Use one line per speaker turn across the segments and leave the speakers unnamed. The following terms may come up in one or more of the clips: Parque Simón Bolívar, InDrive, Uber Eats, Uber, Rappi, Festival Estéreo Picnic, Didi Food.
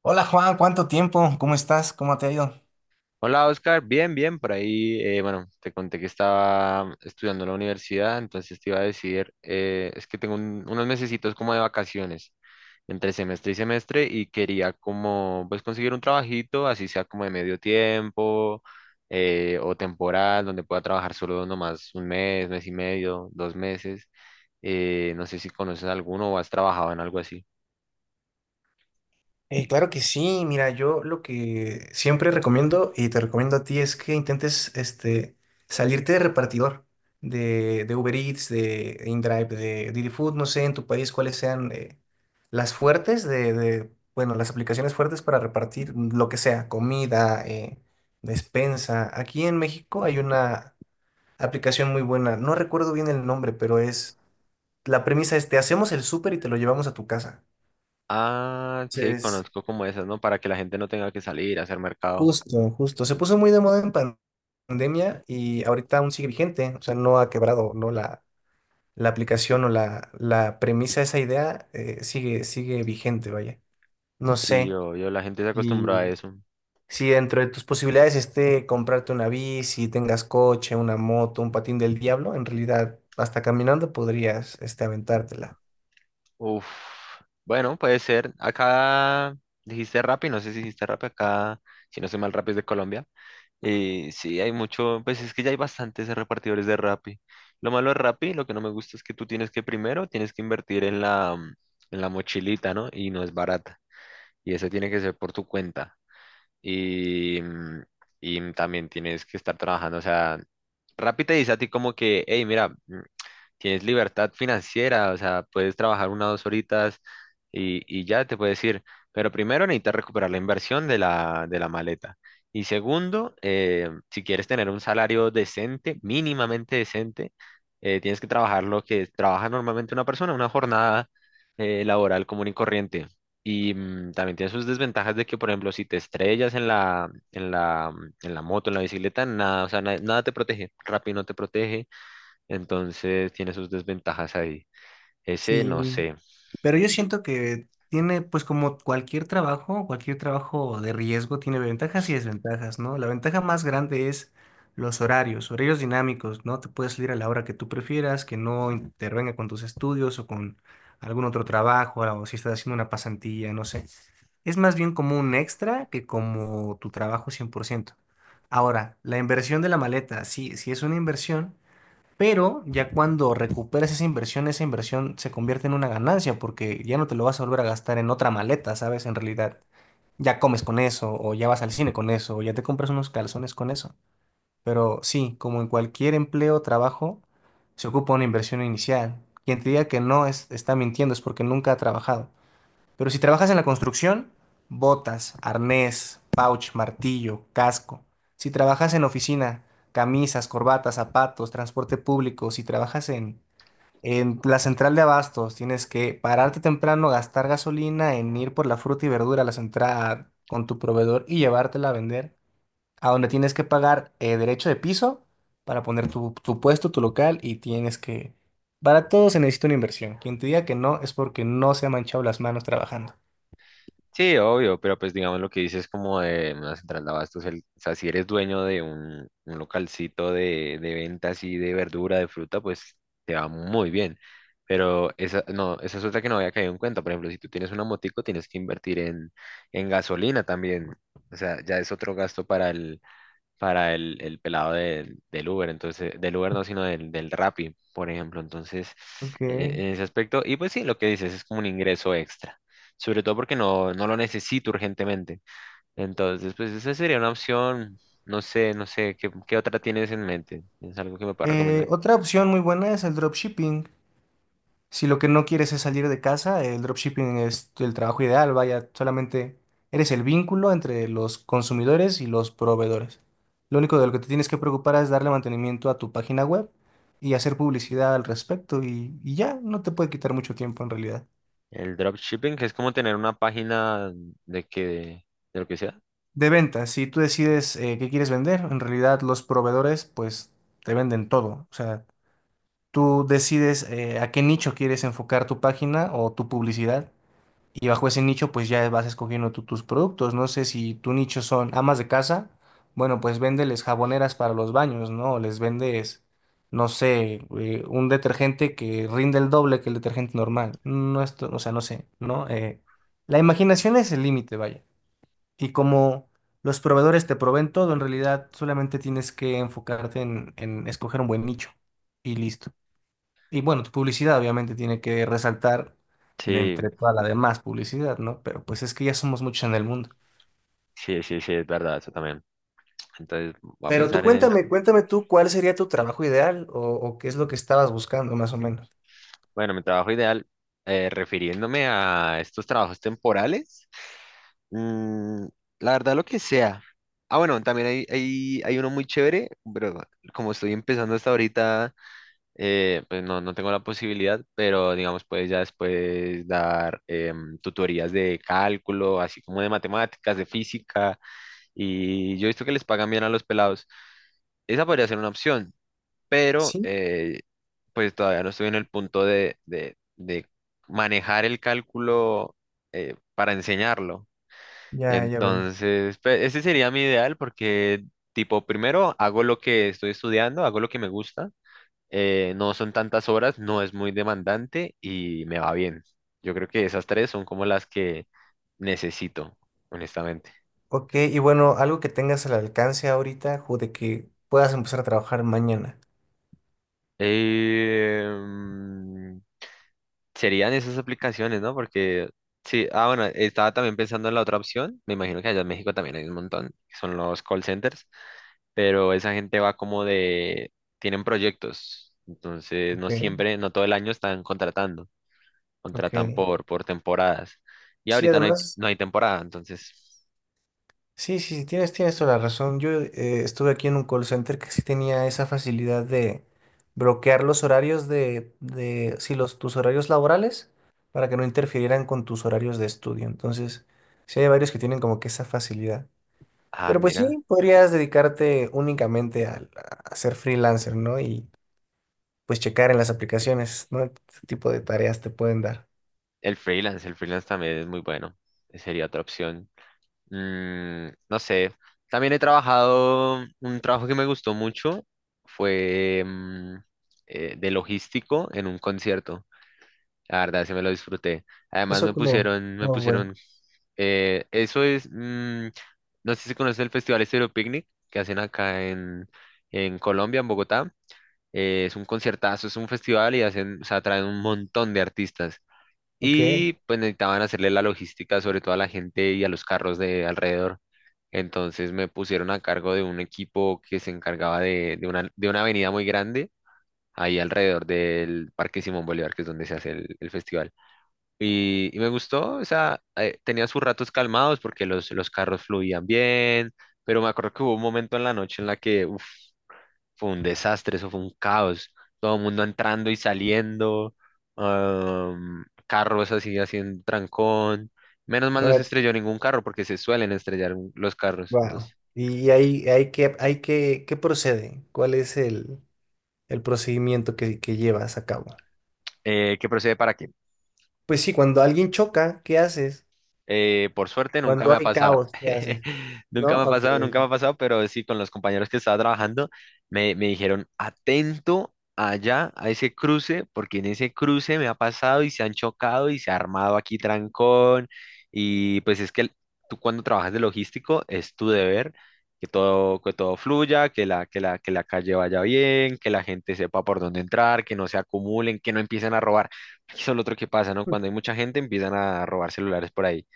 Hola Juan, ¿cuánto tiempo? ¿Cómo estás? ¿Cómo te ha ido?
Hola Oscar, bien, bien, por ahí, bueno, te conté que estaba estudiando en la universidad, entonces te iba a decir, es que tengo unos mesecitos como de vacaciones entre semestre y semestre y quería como, pues conseguir un trabajito, así sea como de medio tiempo, o temporal, donde pueda trabajar solo nomás un mes, mes y medio, dos meses, no sé si conoces alguno o has trabajado en algo así.
Claro que sí, mira, yo lo que siempre recomiendo y te recomiendo a ti es que intentes salirte de repartidor, de Uber Eats, de InDrive, de Didi Food, no sé en tu país cuáles sean las fuertes bueno, las aplicaciones fuertes para repartir lo que sea, comida, despensa. Aquí en México hay una aplicación muy buena, no recuerdo bien el nombre, pero es... La premisa es, te hacemos el súper y te lo llevamos a tu casa.
Ah, sí,
Entonces,
conozco como esas, ¿no? Para que la gente no tenga que salir a hacer mercado.
justo. Se puso muy de moda en pandemia y ahorita aún sigue vigente. O sea, no ha quebrado, ¿no? La aplicación o la premisa, esa idea sigue vigente, vaya. No
Sí,
sé
obvio, la gente se acostumbra a
si,
eso.
si dentro de tus posibilidades esté comprarte una bici, tengas coche, una moto, un patín del diablo. En realidad, hasta caminando podrías aventártela.
Uf, bueno, puede ser. Acá dijiste Rappi, no sé si dijiste Rappi acá, si no soy mal, Rappi es de Colombia. Y sí, hay mucho, pues es que ya hay bastantes repartidores de Rappi. Lo malo de Rappi, lo que no me gusta es que tú tienes que primero, tienes que invertir en la, en la mochilita, ¿no? Y no es barata. Y eso tiene que ser por tu cuenta. Y, y también tienes que estar trabajando, o sea, Rappi te dice a ti como que, hey, mira. Tienes libertad financiera, o sea, puedes trabajar una o dos horitas y ya te puedes ir. Pero primero necesitas recuperar la inversión de la maleta. Y segundo, si quieres tener un salario decente, mínimamente decente, tienes que trabajar lo que trabaja normalmente una persona, una jornada laboral común y corriente. Y, también tiene sus desventajas de que, por ejemplo, si te estrellas en la, en la moto, en la bicicleta, nada, o sea, nada te protege. Rappi no te protege, entonces tiene sus desventajas ahí. Ese no
Sí,
sé.
pero yo siento que tiene, pues como cualquier trabajo de riesgo tiene ventajas y desventajas, ¿no? La ventaja más grande es los horarios, horarios dinámicos, ¿no? Te puedes salir a la hora que tú prefieras, que no intervenga con tus estudios o con algún otro trabajo, o si estás haciendo una pasantía, no sé. Es más bien como un extra que como tu trabajo cien por ciento. Ahora, la inversión de la maleta, sí, sí es una inversión, pero ya cuando recuperas esa inversión se convierte en una ganancia porque ya no te lo vas a volver a gastar en otra maleta, ¿sabes? En realidad, ya comes con eso, o ya vas al cine con eso, o ya te compras unos calzones con eso. Pero sí, como en cualquier empleo o trabajo, se ocupa una inversión inicial. Quien te diga que no está mintiendo, es porque nunca ha trabajado. Pero si trabajas en la construcción, botas, arnés, pouch, martillo, casco. Si trabajas en oficina, camisas, corbatas, zapatos, transporte público. Si trabajas en la central de abastos, tienes que pararte temprano, gastar gasolina en ir por la fruta y verdura a la central con tu proveedor y llevártela a vender, a donde tienes que pagar derecho de piso para poner tu puesto, tu local y tienes que... Para todo se necesita una inversión. Quien te diga que no es porque no se ha manchado las manos trabajando.
Sí, obvio, pero pues digamos lo que dices como de una central de abastos, o sea, si eres dueño de un localcito de ventas y de verdura, de fruta, pues te va muy bien. Pero esa, no, esa es otra que no había caído en cuenta. Por ejemplo, si tú tienes una motico, tienes que invertir en gasolina también. O sea, ya es otro gasto para el pelado de del Uber, entonces, del Uber no, sino del Rappi, por ejemplo. Entonces,
Ok.
en ese aspecto, y pues sí, lo que dices es como un ingreso extra, sobre todo porque no, no lo necesito urgentemente. Entonces, pues esa sería una opción, no sé, no sé, ¿qué, qué otra tienes en mente? ¿Es algo que me puedas recomendar?
Otra opción muy buena es el dropshipping. Si lo que no quieres es salir de casa, el dropshipping es el trabajo ideal. Vaya, solamente eres el vínculo entre los consumidores y los proveedores. Lo único de lo que te tienes que preocupar es darle mantenimiento a tu página web y hacer publicidad al respecto y ya no te puede quitar mucho tiempo en realidad.
El dropshipping, que es como tener una página de que, de lo que sea.
De ventas, si tú decides qué quieres vender, en realidad los proveedores pues te venden todo. O sea, tú decides a qué nicho quieres enfocar tu página o tu publicidad y bajo ese nicho pues ya vas escogiendo tú tus productos. No sé si tu nicho son amas de casa, bueno pues véndeles jaboneras para los baños, ¿no? O les vendes, no sé, un detergente que rinde el doble que el detergente normal. No esto, o sea, no sé, ¿no? La imaginación es el límite, vaya. Y como los proveedores te proveen todo, en realidad solamente tienes que enfocarte en escoger un buen nicho y listo. Y bueno, tu publicidad obviamente tiene que resaltar de
Sí,
entre toda la demás publicidad, ¿no? Pero pues es que ya somos muchos en el mundo.
sí, sí, sí, es verdad, eso también. Entonces, voy a
Pero tú
pensar en eso.
cuéntame, cuéntame tú cuál sería tu trabajo ideal o qué es lo que estabas buscando más o menos.
Bueno, mi trabajo ideal, refiriéndome a estos trabajos temporales, mm, la verdad lo que sea. Ah, bueno, también hay uno muy chévere, pero como estoy empezando hasta ahorita, pues no, no tengo la posibilidad, pero digamos, puedes ya después dar tutorías de cálculo, así como de matemáticas, de física, y yo he visto que les pagan bien a los pelados. Esa podría ser una opción, pero
Sí,
pues todavía no estoy en el punto de, de manejar el cálculo para enseñarlo.
ya, ya veo.
Entonces, pues, ese sería mi ideal porque, tipo, primero hago lo que estoy estudiando, hago lo que me gusta, no son tantas horas, no es muy demandante y me va bien. Yo creo que esas tres son como las que necesito, honestamente.
Ok, y bueno, algo que tengas al alcance ahorita o de que puedas empezar a trabajar mañana.
Em, Serían esas aplicaciones, ¿no? Porque sí, ah, bueno, estaba también pensando en la otra opción. Me imagino que allá en México también hay un montón, que son los call centers, pero esa gente va como de, tienen proyectos, entonces no
Ok,
siempre, no todo el año están contratando, contratan
ok.
por temporadas. Y
Sí,
ahorita no hay,
además.
no hay temporada, entonces,
Sí, sí, sí, tienes, tienes toda la razón. Yo estuve aquí en un call center que sí tenía esa facilidad de bloquear los horarios de sí, los, tus horarios laborales para que no interfirieran con tus horarios de estudio. Entonces, sí hay varios que tienen como que esa facilidad.
ah,
Pero pues
mira,
sí, podrías dedicarte únicamente a ser freelancer, ¿no? Y pues checar en las aplicaciones, ¿no? Qué tipo de tareas te pueden dar.
el freelance también es muy bueno. Sería otra opción. No sé. También he trabajado, un trabajo que me gustó mucho fue de logístico en un concierto. La verdad, sí me lo disfruté. Además
Eso como,
me
¿cómo fue?
pusieron, eso es, no sé si conoces el Festival Estéreo Picnic que hacen acá en Colombia, en Bogotá. Es un conciertazo, es un festival y hacen, o sea, traen un montón de artistas
Ok.
y pues necesitaban hacerle la logística sobre todo a la gente y a los carros de alrededor. Entonces me pusieron a cargo de un equipo que se encargaba de, de una avenida muy grande, ahí alrededor del Parque Simón Bolívar, que es donde se hace el festival. Y me gustó, o sea, tenía sus ratos calmados porque los carros fluían bien, pero me acuerdo que hubo un momento en la noche en la que, uf, fue un desastre, eso fue un caos. Todo el mundo entrando y saliendo, carros así haciendo trancón. Menos mal no se
Bueno,
estrelló ningún carro porque se suelen estrellar los carros.
wow.
Entonces,
Y ahí, ahí que, hay que, ¿qué procede? ¿Cuál es el procedimiento que llevas a cabo?
¿qué procede para qué?
Pues sí, cuando alguien choca, ¿qué haces?
Por suerte nunca me
Cuando
ha
hay
pasado.
caos, ¿qué haces? ¿No?
Nunca me ha
Ok.
pasado, nunca me ha pasado, pero sí, con los compañeros que estaba trabajando, me dijeron, atento allá a ese cruce, porque en ese cruce me ha pasado y se han chocado y se ha armado aquí trancón. Y pues es que tú cuando trabajas de logístico es tu deber que todo fluya, que la calle vaya bien, que la gente sepa por dónde entrar, que no se acumulen, que no empiecen a robar. Eso es lo otro que pasa, ¿no? Cuando hay mucha gente empiezan a robar celulares por ahí.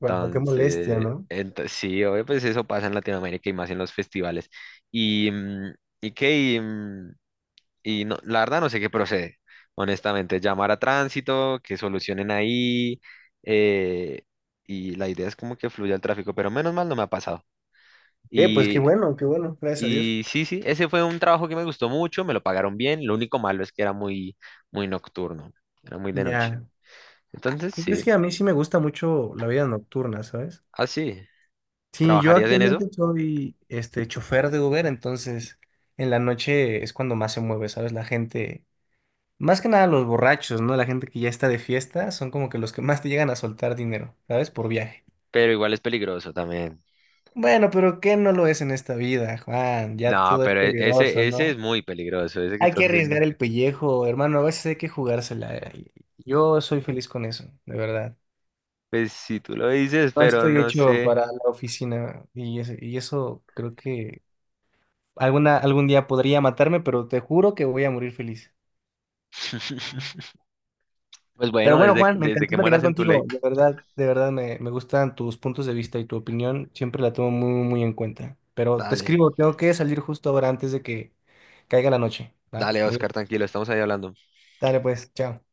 Wow, qué molestia, ¿no?
sí, obvio, pues eso pasa en Latinoamérica y más en los festivales. Y, y qué, y, mm, y no, la verdad no sé qué procede. Honestamente, llamar a tránsito, que solucionen ahí. eh, y la idea es como que fluya el tráfico, pero menos mal no me ha pasado.
¿Qué? Pues
Y,
qué bueno, gracias a Dios.
y sí, sí, ese fue un trabajo que me gustó mucho, me lo pagaron bien. Lo único malo es que era muy, muy nocturno, era muy de noche.
Ya.
Entonces,
¿Qué
sí,
crees? Que a mí sí me gusta mucho la vida nocturna, ¿sabes?
así,
Sí, yo
¿trabajarías en eso?
actualmente soy este chofer de Uber, entonces en la noche es cuando más se mueve, ¿sabes? La gente, más que nada los borrachos, ¿no? La gente que ya está de fiesta son como que los que más te llegan a soltar dinero, ¿sabes? Por viaje.
Pero igual es peligroso también.
Bueno, pero ¿qué no lo es en esta vida, Juan? Ya
No,
todo es
pero
peligroso,
ese, ese es
¿no?
muy peligroso, ese que
Hay que
estás haciendo.
arriesgar el pellejo, hermano. A veces hay que jugársela. Y yo soy feliz con eso, de verdad.
Pues si tú lo dices,
No
pero
estoy
no
hecho
sé.
para la oficina y eso creo que algún día podría matarme, pero te juro que voy a morir feliz.
Pues
Pero
bueno,
bueno,
desde,
Juan, me
desde
encantó
que
platicar
mueras en tu
contigo.
ley.
De verdad me gustan tus puntos de vista y tu opinión. Siempre la tomo muy, muy en cuenta. Pero te
Dale,
escribo, tengo que salir justo ahora antes de que caiga la noche, ¿va?
dale,
Muy bien.
Oscar, tranquilo, estamos ahí hablando.
Dale pues, chao.